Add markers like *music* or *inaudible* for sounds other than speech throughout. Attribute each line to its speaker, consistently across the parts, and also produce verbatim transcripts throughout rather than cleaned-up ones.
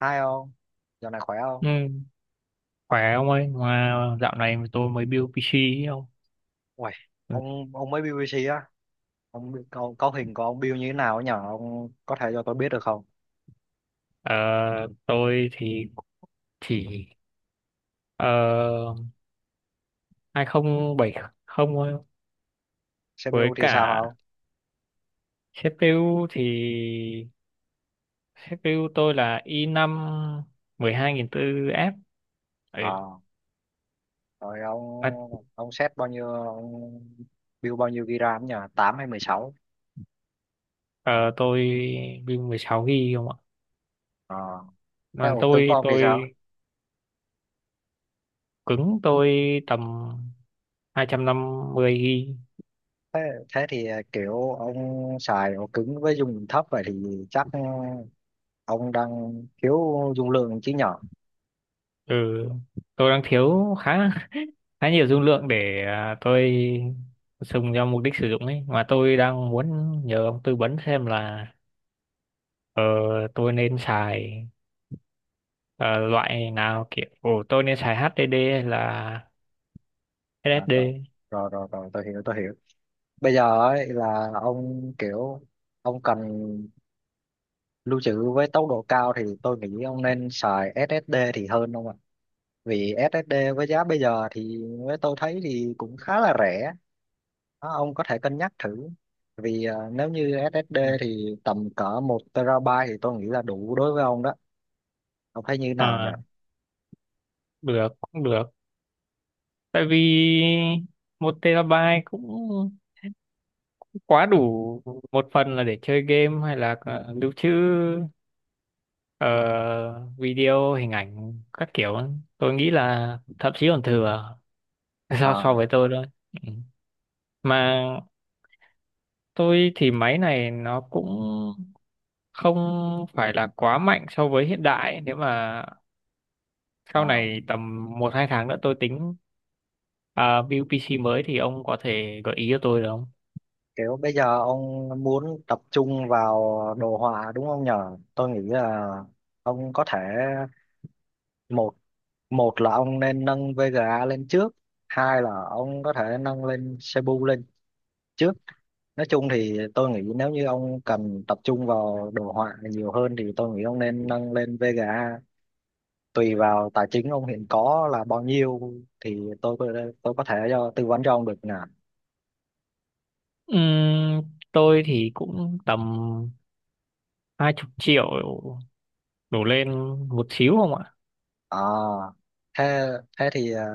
Speaker 1: Hai ông, dạo này khỏe không?
Speaker 2: Ừ, khỏe ông ơi, mà dạo này tôi mới build pê xê ý ông.
Speaker 1: Uầy,
Speaker 2: Ừ.
Speaker 1: ông ông mới bê bê xê á, ông có, có hình của ông Bill như thế nào nhỉ? Ông có thể cho tôi biết được không?
Speaker 2: Ờ, tôi thì chỉ ờ, hai không bảy không thôi.
Speaker 1: xê pê u
Speaker 2: Với
Speaker 1: thì sao
Speaker 2: cả
Speaker 1: không?
Speaker 2: xê pê u thì xê pê u tôi là i năm một hai bốn ép. Ừ,
Speaker 1: Ờ, rồi ông
Speaker 2: bắt-
Speaker 1: ông set bao nhiêu ông build bao nhiêu gi ga bai RAM nhỉ? Tám hay mười sáu?
Speaker 2: ờ, tôi build mười sáu gi bi không ạ?
Speaker 1: Ờ, thế
Speaker 2: Mà
Speaker 1: ổ cứng của
Speaker 2: tôi
Speaker 1: ông thì sao?
Speaker 2: tôi cứng tôi tầm hai trăm năm mươi gi bi.
Speaker 1: Thế, thế thì à, kiểu ông xài ổ cứng với dung lượng thấp vậy thì chắc ừ, ông đang thiếu dung lượng chứ nhỉ?
Speaker 2: Ừ, tôi đang thiếu khá khá nhiều dung lượng để à, tôi dùng cho mục đích sử dụng ấy, mà tôi đang muốn nhờ ông tư vấn xem là ờ, tôi nên xài ờ, loại nào, kiểu ồ, tôi nên xài hát đê đê hay là
Speaker 1: À, rồi,
Speaker 2: ét ét đê.
Speaker 1: rồi, rồi, rồi, tôi hiểu, tôi hiểu. Bây giờ ấy là ông kiểu ông cần lưu trữ với tốc độ cao thì tôi nghĩ ông nên xài ét ét đê thì hơn ông ạ, vì ét ét đê với giá bây giờ thì với tôi thấy thì cũng khá là rẻ đó, ông có thể cân nhắc thử, vì à, nếu như ét ét đê thì tầm cỡ một terabyte thì tôi nghĩ là đủ đối với ông đó. Ông thấy như nào nhỉ?
Speaker 2: Ờ, được cũng được, tại vì một terabyte cũng cũng quá đủ. Một phần là để chơi game hay là ờ, lưu trữ ờ, video, hình ảnh các kiểu, tôi nghĩ là thậm chí còn thừa. *laughs* so
Speaker 1: À,
Speaker 2: so với tôi thôi. Ừ. Mà tôi thì máy này nó cũng không phải là quá mạnh so với hiện đại. Nếu mà sau
Speaker 1: à,
Speaker 2: này tầm một hai tháng nữa tôi tính à, build pê xê mới thì ông có thể gợi ý cho tôi được không?
Speaker 1: kiểu bây giờ ông muốn tập trung vào đồ họa đúng không nhờ, tôi nghĩ là ông có thể một một là ông nên nâng Vega lên trước, hai là ông có thể nâng lên Cebu lên trước. Nói chung thì tôi nghĩ nếu như ông cần tập trung vào đồ họa nhiều hơn thì tôi nghĩ ông nên nâng lên Vega, tùy vào tài chính ông hiện có là bao nhiêu thì tôi có tôi có thể cho tư vấn cho ông được nè.
Speaker 2: Ừm, tôi thì cũng tầm hai chục triệu đổ lên một xíu không ạ?
Speaker 1: À, thế thế thì à,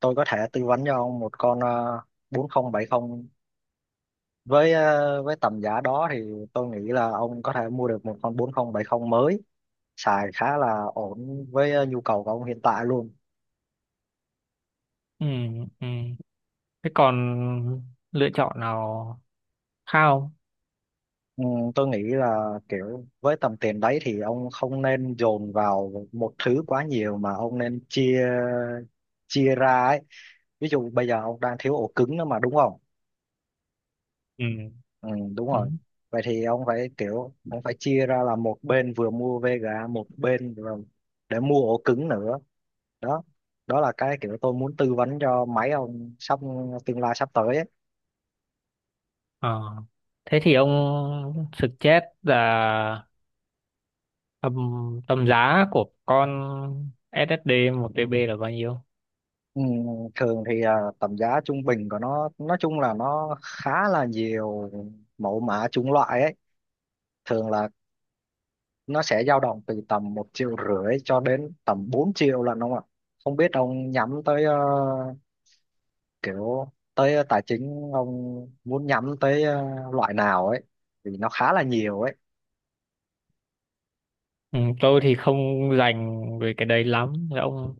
Speaker 1: tôi có thể tư vấn cho ông một con à, bốn không bảy không, với ờ, với tầm giá đó thì tôi nghĩ là ông có thể mua được một con bốn không bảy không mới, xài khá là ổn với ờ, nhu cầu của ông hiện tại luôn.
Speaker 2: ừ ừm. Thế còn lựa chọn nào khác không?
Speaker 1: Ừ, tôi nghĩ là kiểu với tầm tiền đấy thì ông không nên dồn vào một thứ quá nhiều mà ông nên chia chia ra ấy. Ví dụ bây giờ ông đang thiếu ổ cứng nữa mà đúng không?
Speaker 2: ừ
Speaker 1: Ừ, đúng rồi.
Speaker 2: ừm.
Speaker 1: Vậy thì ông phải kiểu ông phải chia ra là một bên vừa mua vê giê a, một bên vừa để mua ổ cứng nữa đó. Đó là cái kiểu tôi muốn tư vấn cho mấy ông sắp tương lai sắp tới ấy.
Speaker 2: Ờ. Thế thì ông suggest là Tầm, tầm giá của con ét ét đê một tê bi là bao nhiêu?
Speaker 1: Ừ, thường thì à, tầm giá trung bình của nó nói chung là nó khá là nhiều mẫu mã chủng loại ấy, thường là nó sẽ dao động từ tầm một triệu rưỡi cho đến tầm bốn triệu lần ông ạ. Không biết ông nhắm tới ờ, kiểu tới tài chính ông muốn nhắm tới ờ, loại nào ấy, vì nó khá là nhiều ấy.
Speaker 2: Ừ, tôi thì không rành về cái đấy lắm. Thế ông,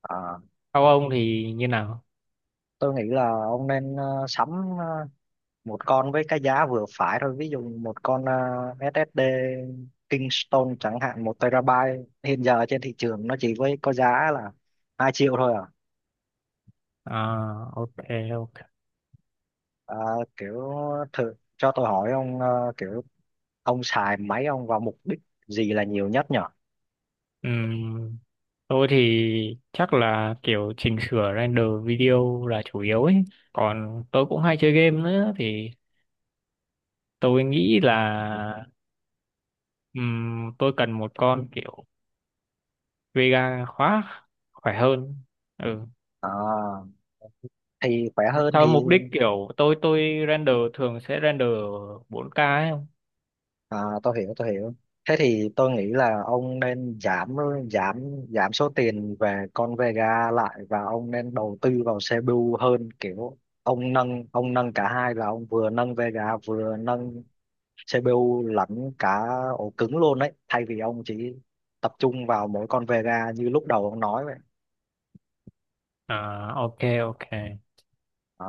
Speaker 1: Ờ,
Speaker 2: các ông thì như nào?
Speaker 1: tôi nghĩ là ông nên ờ, sắm ờ, một con với cái giá vừa phải thôi, ví dụ một con ờ, ét ét đê Kingston chẳng hạn, một terabyte hiện giờ trên thị trường nó chỉ với có giá là hai triệu thôi à.
Speaker 2: À, ok, ok.
Speaker 1: Ờ, kiểu thử cho tôi hỏi ông ờ, kiểu ông xài máy ông vào mục đích gì là nhiều nhất nhở?
Speaker 2: Ừm, tôi thì chắc là kiểu chỉnh sửa render video là chủ yếu ấy. Còn tôi cũng hay chơi game nữa, thì tôi nghĩ là ừm, tôi cần một con kiểu Vega khóa khỏe hơn. Ừ.
Speaker 1: Ờ, thì khỏe hơn
Speaker 2: Sao
Speaker 1: thì
Speaker 2: mục đích kiểu tôi tôi render, thường sẽ render bốn k ấy không?
Speaker 1: À, tôi hiểu tôi hiểu. Thế thì tôi nghĩ là ông nên giảm giảm giảm số tiền về con Vega lại, và ông nên đầu tư vào xê pê u hơn, kiểu ông nâng ông nâng cả hai là ông vừa nâng Vega vừa nâng xê pê u lẫn cả ổ cứng luôn đấy, thay vì ông chỉ tập trung vào mỗi con Vega như lúc đầu ông nói vậy.
Speaker 2: À, ok, ok.
Speaker 1: À,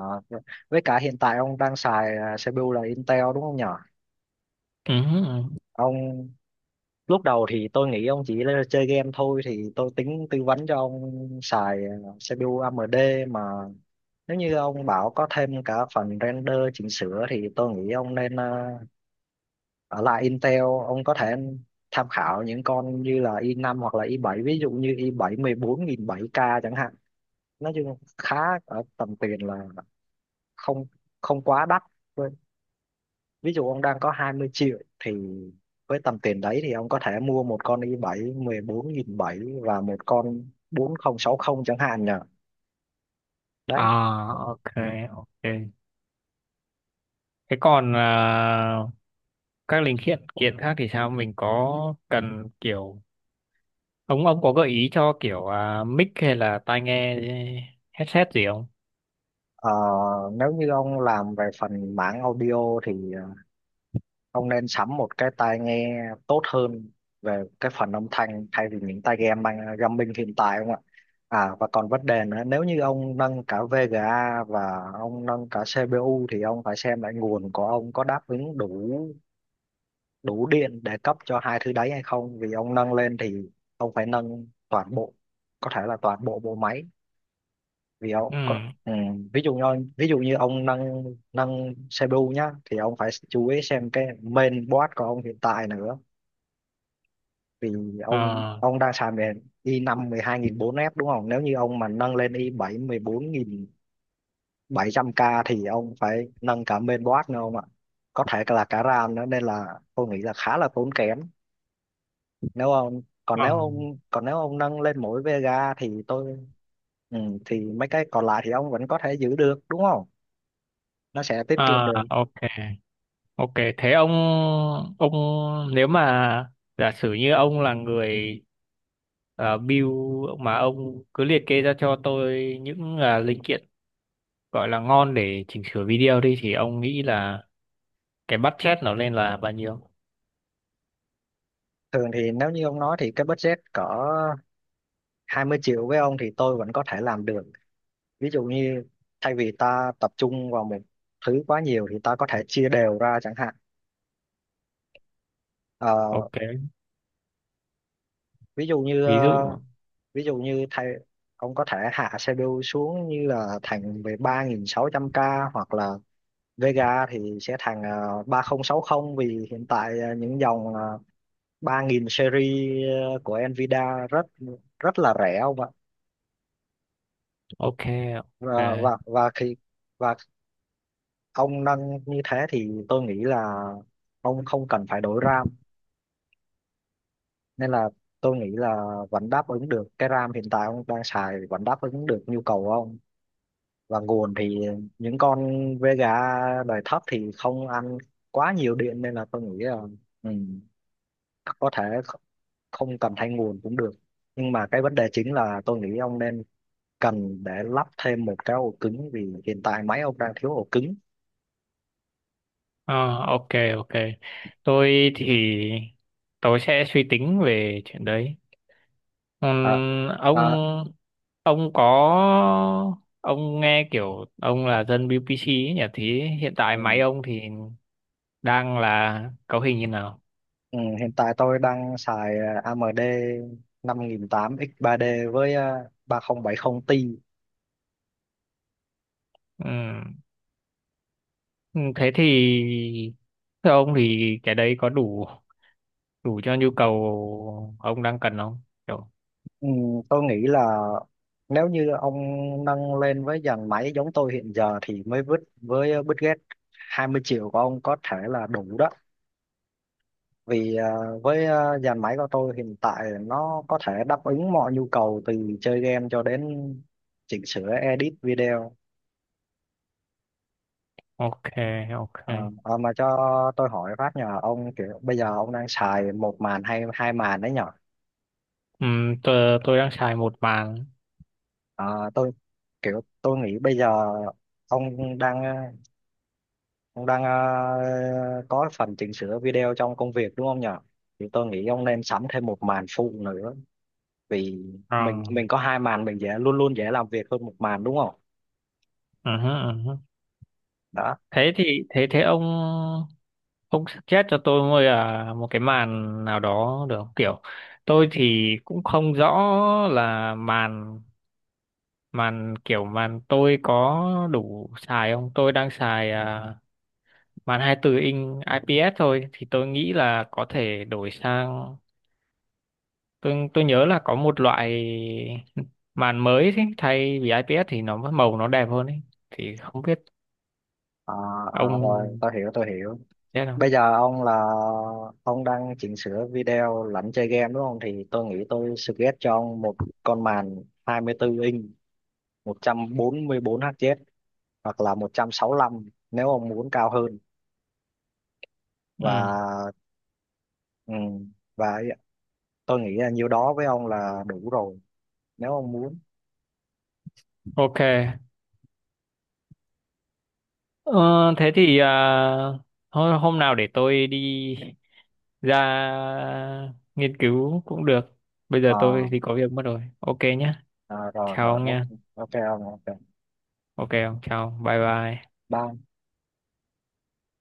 Speaker 1: với cả hiện tại ông đang xài à, xê pê u là Intel đúng không nhỉ?
Speaker 2: Ừ, ừ, ừ.
Speaker 1: Ông lúc đầu thì tôi nghĩ ông chỉ là chơi game thôi thì tôi tính tư vấn cho ông xài ờ, xê pê u a em đê, mà nếu như ông bảo có thêm cả phần render chỉnh sửa thì tôi nghĩ ông nên ờ, ở lại Intel. Ông có thể tham khảo những con như là i năm hoặc là i bảy, ví dụ như i bảy mười bốn nghìn bảy k chẳng hạn. Nói chung khá ở tầm tiền là không không quá đắt. Ví dụ ông đang có hai mươi triệu thì với tầm tiền đấy thì ông có thể mua một con i bảy mười bốn nghìn bảy và một con bốn không sáu không chẳng hạn nhỉ, đấy.
Speaker 2: À, ok, ok. Thế còn à, các linh kiện kiện khác thì sao, mình có cần kiểu ông ông có gợi ý cho kiểu à, mic hay là tai nghe headset gì không?
Speaker 1: Ờ, nếu như ông làm về phần mảng audio thì ờ, ông nên sắm một cái tai nghe tốt hơn về cái phần âm thanh, thay vì những tai game mang gaming hiện tại không ạ. À, và còn vấn đề nữa, nếu như ông nâng cả vê giê a và ông nâng cả xê pê u thì ông phải xem lại nguồn của ông có đáp ứng đủ đủ điện để cấp cho hai thứ đấy hay không, vì ông nâng lên thì ông phải nâng toàn bộ, có thể là toàn bộ bộ máy, vì ông
Speaker 2: Ừ.
Speaker 1: có, ừ, ví dụ như ví dụ như ông nâng nâng xê pê u nhá thì ông phải chú ý xem cái main board của ông hiện tại nữa. Vì ông
Speaker 2: À,
Speaker 1: ông đang xài về i năm mười hai nghìn bốn f đúng không, nếu như ông mà nâng lên i bảy mười bốn nghìn bảy trăm k thì ông phải nâng cả main board nữa ông ạ, có thể là cả RAM nữa, nên là tôi nghĩ là khá là tốn kém. nếu ông còn nếu
Speaker 2: à,
Speaker 1: ông còn nếu ông nâng lên mỗi Vega thì tôi ừ, thì mấy cái còn lại thì ông vẫn có thể giữ được đúng không, nó sẽ tiết kiệm
Speaker 2: à,
Speaker 1: được.
Speaker 2: ok, ok. Thế ông ông nếu mà giả sử như ông là người ờ, build, mà ông cứ liệt kê ra cho tôi những à, linh kiện gọi là ngon để chỉnh sửa video đi, thì ông nghĩ là cái budget nó lên là bao nhiêu?
Speaker 1: Thường thì nếu như ông nói thì cái budget cỡ hai mươi triệu với ông thì tôi vẫn có thể làm được. Ví dụ như thay vì ta tập trung vào một thứ quá nhiều thì ta có thể chia đều ra chẳng hạn. Ờ,
Speaker 2: Ok,
Speaker 1: ví dụ như
Speaker 2: ví
Speaker 1: ờ,
Speaker 2: dụ,
Speaker 1: ví dụ như thay ông có thể hạ xê pê u xuống như là thành về ba nghìn sáu trăm k, hoặc là Vega thì sẽ thành ờ, ba không sáu không, vì hiện tại ờ, những dòng ờ, ba nghìn series ờ, của Nvidia rất rất là rẻ ông ạ.
Speaker 2: ok, ok.
Speaker 1: Và và và khi và ông nâng như thế thì tôi nghĩ là ông không cần phải đổi RAM, nên là tôi nghĩ là vẫn đáp ứng được, cái RAM hiện tại ông đang xài vẫn đáp ứng được nhu cầu của ông. Và nguồn thì những con với gà đời thấp thì không ăn quá nhiều điện, nên là tôi nghĩ là ừ, có thể kh- không cần thay nguồn cũng được. Nhưng mà cái vấn đề chính là tôi nghĩ ông nên cần để lắp thêm một cái ổ cứng vì hiện tại máy ông đang thiếu ổ cứng.
Speaker 2: Ờ, ok, ok. Tôi thì tôi sẽ suy tính về chuyện đấy.
Speaker 1: À,
Speaker 2: Ừm,
Speaker 1: à,
Speaker 2: ông ông có ông nghe kiểu ông là dân bê pê xê ấy nhỉ? Thì hiện tại
Speaker 1: ừ,
Speaker 2: máy ông thì đang là cấu hình như nào?
Speaker 1: ừ, hiện tại tôi đang xài ờ, a em đê năm nghìn tám trăm ích ba đê với ờ, ba không bảy không Ti.
Speaker 2: Ừ. Ừ, thế thì theo ông thì cái đấy có đủ đủ cho nhu cầu ông đang cần không? Kiểu,
Speaker 1: Ừ, tôi nghĩ là nếu như ông nâng lên với dàn máy giống tôi hiện giờ thì mới vứt với Bill Gates, hai mươi triệu của ông có thể là đủ đó. Vì ờ, với ờ, dàn máy của tôi hiện tại nó có thể đáp ứng mọi nhu cầu từ chơi game cho đến chỉnh sửa edit video.
Speaker 2: ok, ok.
Speaker 1: Ờ, ờ, mà cho tôi hỏi phát nhờ ông, kiểu bây giờ ông đang xài một màn hay hai màn đấy nhở?
Speaker 2: Ừ, tôi, tôi đang xài một màn.
Speaker 1: Ờ, tôi kiểu tôi nghĩ bây giờ ông đang Ông đang ờ, có phần chỉnh sửa video trong công việc đúng không nhỉ? Thì tôi nghĩ ông nên sắm thêm một màn phụ nữa, vì
Speaker 2: Ờ,
Speaker 1: mình mình có hai màn, mình dễ luôn luôn dễ làm việc hơn một màn đúng không?
Speaker 2: ừ hứ, ừ hứ.
Speaker 1: Đó.
Speaker 2: Thế thì thế thế ông ông suggest cho tôi mua là một cái màn nào đó được không? Kiểu tôi thì cũng không rõ là màn màn kiểu màn tôi có đủ xài không? Tôi đang xài à, màn hai mươi bốn inch i pi ét thôi, thì tôi nghĩ là có thể đổi sang. Tôi tôi nhớ là có một loại màn mới, thế thay vì i pi ét thì nó màu nó đẹp hơn ấy, thì không biết
Speaker 1: À, à, rồi
Speaker 2: ông
Speaker 1: tôi hiểu tôi hiểu.
Speaker 2: biết không.
Speaker 1: Bây giờ ông là ông đang chỉnh sửa video lẫn chơi game đúng không? Thì tôi nghĩ tôi suggest cho ông một con màn hai mươi bốn inch, một trăm bốn mươi bốn hz hoặc là một trăm sáu lăm nếu ông muốn cao hơn.
Speaker 2: Ừ,
Speaker 1: Và ừ, và tôi nghĩ là nhiêu đó với ông là đủ rồi nếu ông muốn.
Speaker 2: ok. ờ, Thế thì à, hôm, hôm nào để tôi đi ra nghiên cứu cũng được. Bây giờ tôi
Speaker 1: Ờ,
Speaker 2: thì có việc mất rồi, ok nhé.
Speaker 1: ờ, rồi
Speaker 2: Chào
Speaker 1: rồi
Speaker 2: ông
Speaker 1: ok
Speaker 2: nha.
Speaker 1: ok ông ok
Speaker 2: Ok ông, chào bye bye.
Speaker 1: bye